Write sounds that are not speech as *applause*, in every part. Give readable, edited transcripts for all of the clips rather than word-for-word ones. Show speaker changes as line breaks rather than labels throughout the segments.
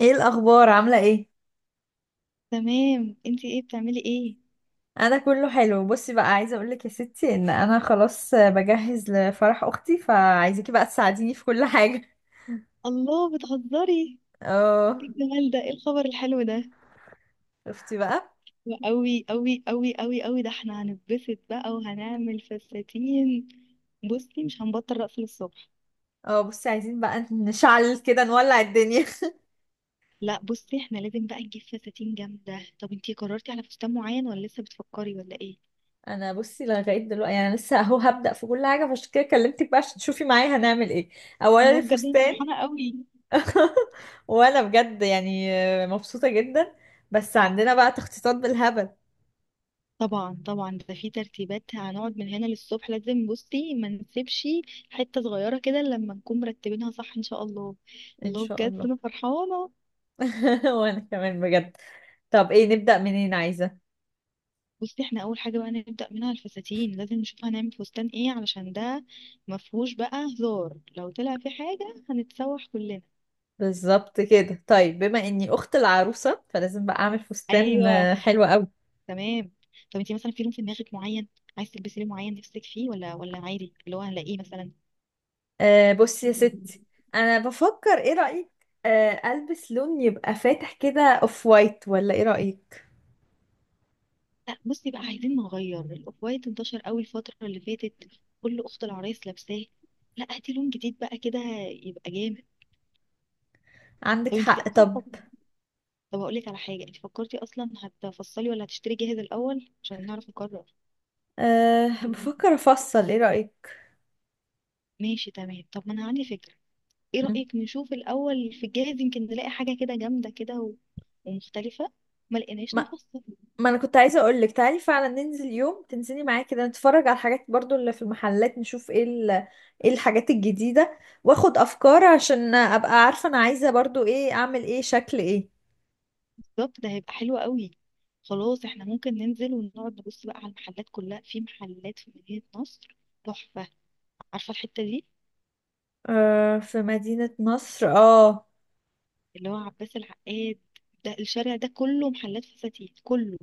ايه الاخبار؟ عامله ايه؟
تمام، انتي ايه بتعملي ايه؟
انا كله حلو. بصي بقى، عايزه اقولك يا ستي ان انا خلاص بجهز لفرح اختي، فعايزاكي بقى تساعديني في كل *laughs* حاجه.
الله، بتهزري؟
اه.
ايه الجمال ده؟ ايه الخبر الحلو ده؟
شفتي بقى؟
وقوي قوي قوي قوي قوي، ده احنا هنتبسط بقى وهنعمل فساتين. بصي مش هنبطل رقص للصبح.
اه بصي، عايزين بقى نشعل كده، نولع الدنيا *laughs*
لا بصي، احنا لازم بقى نجيب فساتين جامدة. طب انتي قررتي على فستان معين ولا لسه بتفكري ولا ايه؟
انا بصي لغايه دلوقتي يعني لسه اهو هبدأ في كل حاجه، فعشان كده كلمتك بقى عشان تشوفي معايا هنعمل ايه. اولا
الله بجد، انا
الفستان.
فرحانة قوي.
*laughs* وانا بجد يعني مبسوطه جدا، بس عندنا بقى تخطيطات بالهبل.
طبعا طبعا، ده في ترتيبات هنقعد من هنا للصبح، لازم بصي ما نسيبش حتة صغيرة كده لما نكون مرتبينها صح ان شاء الله.
ان
الله
شاء
بجد
الله.
انا فرحانة.
*laughs* وانا كمان بجد. طب ايه؟ نبدأ منين عايزة؟
بصي احنا اول حاجه بقى نبدا منها الفساتين، لازم نشوف هنعمل فستان ايه، علشان ده مفهوش بقى هزار، لو طلع في حاجه هنتسوح كلنا.
بالظبط كده. طيب، بما اني اخت العروسة فلازم بقى اعمل فستان.
ايوه.
حلو قوي.
تمام. طب انتي مثلا في لون في دماغك معين، عايز تلبسي لون معين نفسك فيه، ولا عادي اللي هو هنلاقيه مثلا؟
أه بصي يا ستي، انا بفكر، ايه رأيك؟ أه، البس لون يبقى فاتح كده، اوف وايت، ولا ايه رأيك؟
لا بصي بقى، عايزين نغير الاوف وايت، انتشر قوي الفتره اللي فاتت، كل اخت العرايس لابساه. لا هاتي لون جديد بقى كده، يبقى جامد.
عندك
طب انتي
حق.
اصلا،
طب
طب هقول لك على حاجه، انتي فكرتي اصلا هتفصلي ولا هتشتري جاهز الاول عشان نعرف نقرر؟
أه بفكر افصل، ايه رأيك؟
ماشي تمام، طب ما انا عندي فكرة. ايه
مم.
رأيك نشوف الاول في الجاهز، يمكن نلاقي حاجة كده جامدة كده ومختلفة ما لقيناش
ما
نفصل.
ما انا كنت عايزه اقول لك تعالي فعلا ننزل يوم، تنزلي معايا كده نتفرج على الحاجات برضو اللي في المحلات، نشوف ايه ايه الحاجات الجديده، واخد افكار عشان ابقى عارفه انا عايزه برضو ايه، اعمل ايه، شكل ايه.
بالظبط، ده هيبقى حلو قوي. خلاص، احنا ممكن ننزل ونقعد نبص بقى على المحلات كلها. في محلات في مدينة نصر تحفة، عارفة الحتة دي
آه، في مدينه نصر، اه.
اللي هو عباس العقاد؟ ده الشارع ده كله محلات فساتين، كله.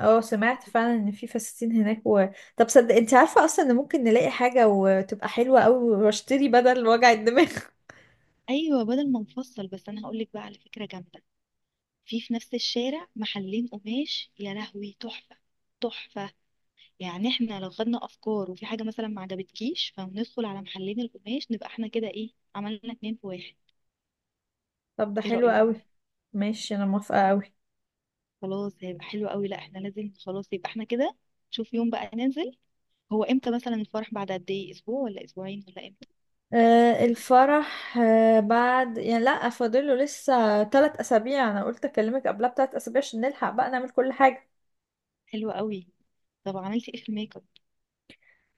اه سمعت فعلا ان في فساتين هناك. طب صدق، انت عارفه اصلا ان ممكن نلاقي حاجه وتبقى حلوه قوي، واشتري بدل وجع الدماغ.
ايوه بدل ما نفصل. بس انا هقول لك بقى على فكرة جامدة، في نفس الشارع محلين قماش يا لهوي، تحفة تحفة. يعني احنا لو خدنا افكار وفي حاجه مثلا ما عجبتكيش، فندخل على محلين القماش، نبقى احنا كده ايه، عملنا اتنين في واحد.
*laughs* طب ده
ايه
حلو
رايك؟
قوي. ماشي، انا موافقه قوي.
خلاص هيبقى حلو قوي. لا احنا لازم، خلاص يبقى احنا كده. شوف يوم بقى ننزل. هو امتى مثلا الفرح؟ بعد قد ايه، اسبوع ولا اسبوعين ولا امتى؟
آه، الفرح، بعد يعني لا، فاضله لسه 3 اسابيع. انا قلت اكلمك قبلها ب3 اسابيع عشان نلحق بقى نعمل كل حاجه.
حلو قوي. طب عملتي ايه في الميك اب؟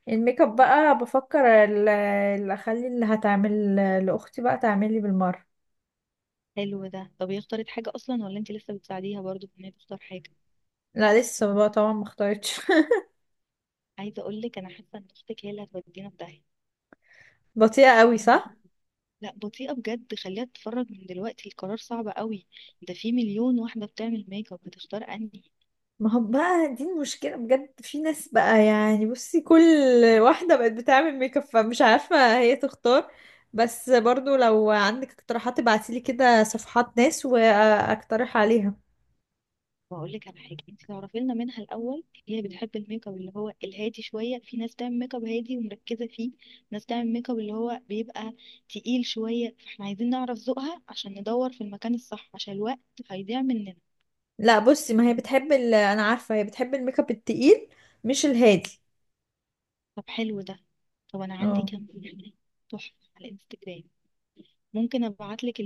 الميك اب بقى بفكر اللي اخلي اللي هتعمل لاختي بقى تعملي بالمره.
حلو ده. طب هي اختارت حاجه اصلا ولا انت لسه بتساعديها برضو في ان هي تختار حاجه؟
لا لسه بقى طبعا ما اختارتش. *laughs*
عايزه اقول لك انا حاسه ان اختك هي اللي هتودينا في
بطيئه قوي،
داهيه.
صح.
لا بطيئة بجد، خليها تتفرج من دلوقتي، القرار صعب قوي، ده في مليون واحدة بتعمل ميك اب، هتختار انهي.
ما هو بقى دي المشكله بجد، في ناس بقى يعني، بصي كل واحده بقت بتعمل ميك اب، فمش عارفه هي تختار. بس برضو لو عندك اقتراحات ابعتيلي كده صفحات ناس، واقترح عليها.
واقول لك على حاجة، انت تعرفي لنا منها الاول، هي بتحب الميك اب اللي هو الهادي شوية؟ في ناس تعمل ميك اب هادي ومركزة فيه، ناس تعمل ميك اب اللي هو بيبقى تقيل شوية، فاحنا عايزين نعرف ذوقها عشان ندور في المكان الصح، عشان الوقت هيضيع مننا.
لا بصي، ما هي بتحب انا عارفه هي بتحب الميك اب التقيل، مش الهادي.
طب حلو ده. طب انا عندي
اه.
كام فكرة تحفة على انستجرام، ممكن ابعت لك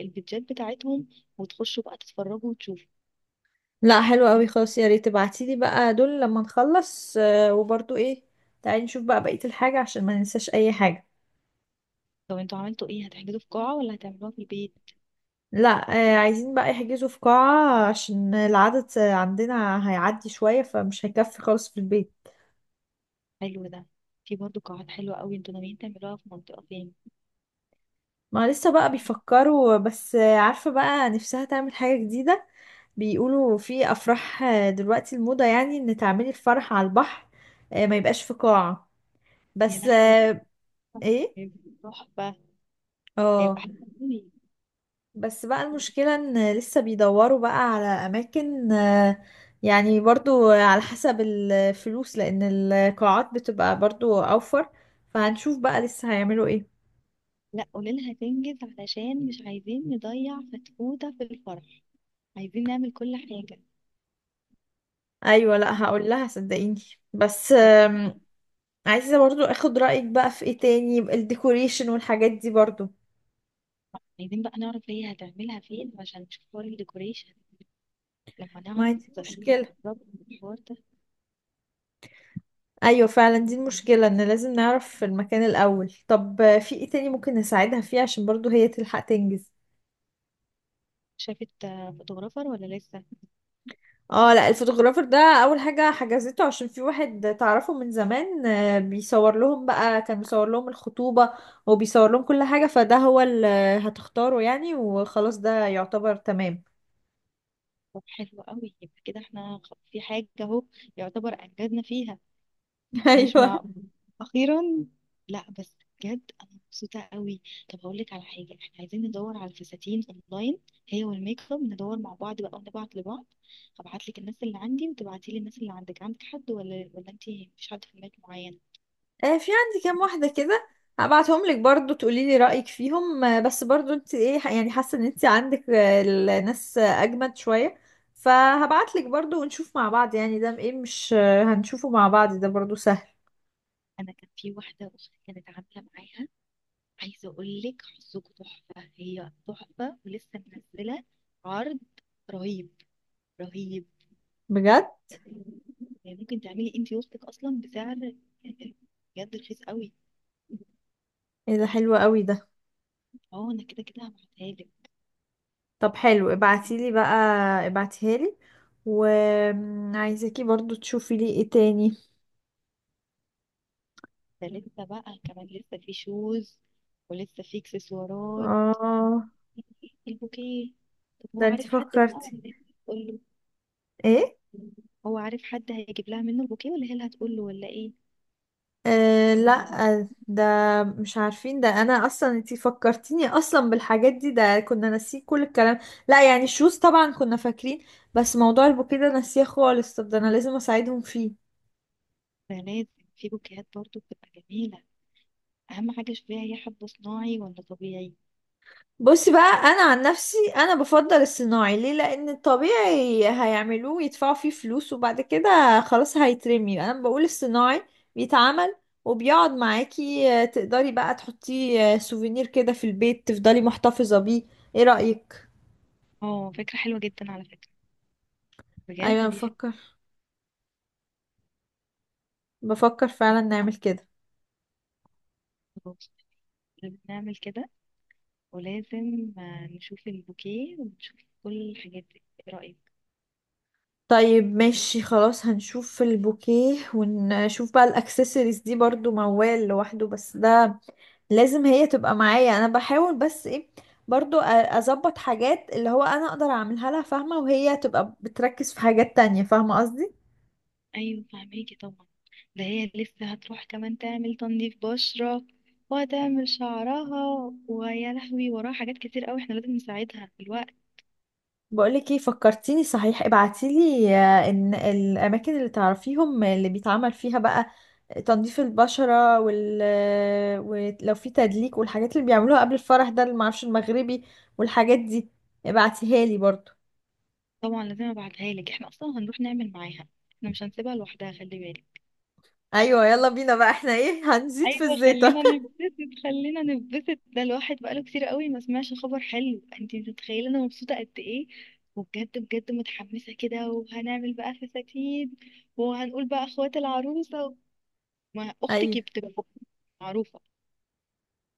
الفيديوهات بتاعتهم وتخشوا بقى تتفرجوا وتشوفوا.
لا حلو قوي خلاص، يا ريت تبعتيلي بقى دول لما نخلص. وبرضو ايه، تعالي نشوف بقى بقيه الحاجه عشان ما ننساش اي حاجه.
طب انتوا عملتوا ايه، هتحجزوا في قاعة ولا هتعملوها في البيت؟
لا عايزين بقى يحجزوا في قاعه عشان العدد عندنا هيعدي شويه، فمش هيكفي خالص في البيت.
حلو ده. في برضه قاعات حلوة قوي. انتوا ناويين تعملوها في منطقة فين؟
ما لسه بقى بيفكروا، بس عارفة بقى نفسها تعمل حاجة جديدة. بيقولوا في أفراح دلوقتي، الموضة يعني إن تعملي الفرح على البحر. ما يبقاش في قاعة.
يا
بس
لهوي،
آه، إيه؟
هيبقى تحفة، هيبقى
اه.
حلو قوي.
بس بقى المشكلة إن لسه بيدوروا بقى على أماكن. يعني برضو على حسب الفلوس، لأن القاعات بتبقى برضو أوفر. فهنشوف بقى لسه هيعملوا إيه.
لا قوليلها تنجز، علشان مش عايزين نضيع فتفوتة في الفرح، عايزين نعمل كل حاجة.
أيوة، لأ هقول لها، صدقيني. بس
طب
عايزة برضو اخد رأيك بقى في ايه تاني، الديكوريشن والحاجات دي برضو.
عايزين بقى نعرف هي هتعملها فين، عشان نشوف حوار الديكوريشن لما
ما هي
نعرف
دي
هتبقى
مشكلة.
بالظبط الحوار ده.
ايوه فعلا دي المشكلة ان لازم نعرف في المكان الاول. طب في ايه تاني ممكن نساعدها فيه عشان برضو هي تلحق تنجز؟
شافت آه، فوتوغرافر ولا لسه؟
اه. لا الفوتوغرافر ده اول حاجة حجزته، عشان في واحد تعرفه من زمان، بيصور لهم بقى، كان بيصور لهم الخطوبة وبيصور لهم كل حاجة، فده هو اللي هتختاره يعني، وخلاص ده يعتبر تمام.
طب حلو قوي، يبقى كده احنا في حاجة اهو يعتبر انجزنا فيها.
*laughs*
مش
ايوه.
معقول، اخيرا. لا بس بجد انا مبسوطة قوي. طب هقول لك على حاجة، احنا عايزين ندور على الفساتين اونلاين، هي والميك اب، ندور مع بعض بقى ونبعت لبعض. هبعت لك الناس اللي عندي وتبعتي لي الناس اللي عندك. عندك حد ولا انت مفيش حد في دماغك معين؟
في عندي كام واحدة كده، هبعتهم لك برضو تقولي لي رأيك فيهم. بس برضو انت ايه، يعني حاسة ان انت عندك الناس اجمد شوية، فهبعت لك برضو ونشوف مع بعض، يعني ده ايه، مش هنشوفه مع بعض، ده برضو سهل.
انا كان في واحدة اختي كانت عاملة معاها، عايزة اقول لك حظكم تحفة، هي تحفة، ولسه منزلة عرض رهيب، رهيب.
بجد؟
يعني ممكن تعملي انتي وسطك اصلا بسعر، يعني بجد رخيص قوي.
ايه ده حلو قوي ده.
اه انا كده كده هبعتها لك.
طب حلو، ابعتي لي بقى، ابعتيها لي، وعايزاكي برضو تشوفي لي ايه تاني.
ده لسه بقى كمان، لسه في شوز، ولسه في اكسسوارات،
اه.
البوكيه. طب هو
ده انت
عارف حد بقى
فكرتي
تقول له؟
ايه.
هو عارف حد هيجيب لها منه البوكيه، ولا هي اللي هتقول له ولا ايه؟
أه لا ده مش عارفين. ده انا اصلا انتي فكرتيني اصلا بالحاجات دي، ده كنا ناسيين كل الكلام. لا يعني الشوز طبعا كنا فاكرين، بس موضوع البوكيه ده ناسيه خالص. طب ده انا لازم اساعدهم فيه.
ده لازم، في بوكيهات برضو بتبقى جميلة. أهم حاجة شوفيها هي حب صناعي ولا طبيعي.
بصي بقى، انا عن نفسي انا بفضل الصناعي. ليه؟ لان الطبيعي هيعملوه يدفعوا فيه فلوس وبعد كده خلاص هيترمي. انا بقول الصناعي بيتعمل وبيقعد معاكي، تقدري بقى تحطيه سوفينير كده في البيت، تفضلي محتفظة بيه. ايه رأيك؟
اه فكرة حلوة جدا على فكرة، بجد
ايوه
دي
بفكر، بفكر فعلا نعمل كده.
فكرة، لازم نعمل كده، ولازم آه، نشوف البوكيه ونشوف كل الحاجات دي. ايه رأيك؟
طيب ماشي خلاص، هنشوف البوكيه، ونشوف بقى الاكسسوارز دي برضو موال لوحده، بس ده لازم هي تبقى معايا. انا بحاول بس ايه، برضو اظبط حاجات اللي هو انا اقدر اعملها لها، فاهمة؟ وهي تبقى بتركز في حاجات تانية. فاهمة قصدي؟
ايوه فهميكي طبعا. ده هي لسه هتروح كمان تعمل تنظيف بشرة، وهتعمل شعرها، ويا لهوي وراها حاجات كتير قوي، احنا لازم نساعدها في الوقت.
بقولك ايه، فكرتيني صحيح، ابعتيلي ان الاماكن اللي تعرفيهم اللي بيتعمل فيها بقى تنظيف البشرة، وال ولو في تدليك، والحاجات اللي بيعملوها قبل الفرح، ده اللي معرفش المغربي والحاجات دي، ابعتيها لي برضو.
طبعا لازم ابعتها لك، احنا اصلا هنروح نعمل معاها، احنا مش هنسيبها لوحدها، خلي بالك.
ايوه يلا بينا بقى، احنا ايه هنزيد في
ايوه
الزيطة.
خلينا نتبسط، خلينا نتبسط، ده الواحد بقاله كتير قوي ما سمعش خبر حلو، انت متخيله انا مبسوطه قد ايه؟ وبجد بجد متحمسه كده، وهنعمل بقى فساتين، وهنقول بقى اخوات العروسه، ما اختك
ايوه.
بتبقى معروفه.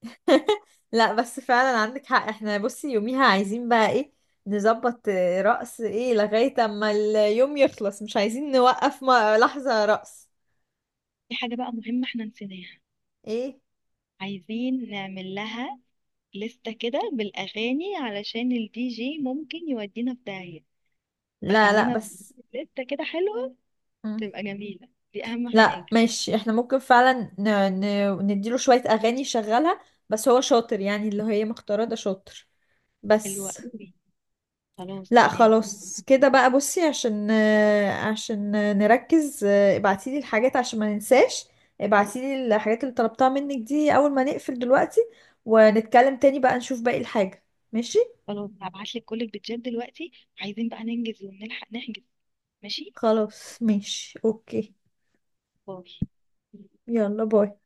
*laughs* لا بس فعلا عندك حق. احنا بصي يوميها عايزين بقى ايه، نظبط رقص ايه لغاية اما اليوم يخلص، مش عايزين نوقف لحظة رقص.
في حاجه بقى مهمه احنا نسيناها،
ايه؟
عايزين نعمل لها لستة كده بالأغاني، علشان الدي جي ممكن يودينا في داهية،
لا لا
فخلينا
بس.
لستة كده حلوة
مم.
تبقى جميلة، دي أهم حاجة.
لا ماشي، احنا ممكن فعلا نديله شوية أغاني يشغلها، بس هو شاطر يعني، اللي هي مختارة ده شاطر،
الوقت،
بس.
خلاص
لا
تمام.
خلاص كده بقى. بصي، عشان عشان نركز، ابعتيلي الحاجات عشان ما ننساش. ابعتيلي الحاجات اللي طلبتها منك دي أول ما نقفل دلوقتي، ونتكلم تاني بقى نشوف باقي الحاجة. ماشي.
خلاص هبعت لك كل البيتزات دلوقتي، عايزين بقى ننجز ونلحق نحجز. ماشي،
خلاص ماشي اوكي.
باي.
يلا باي.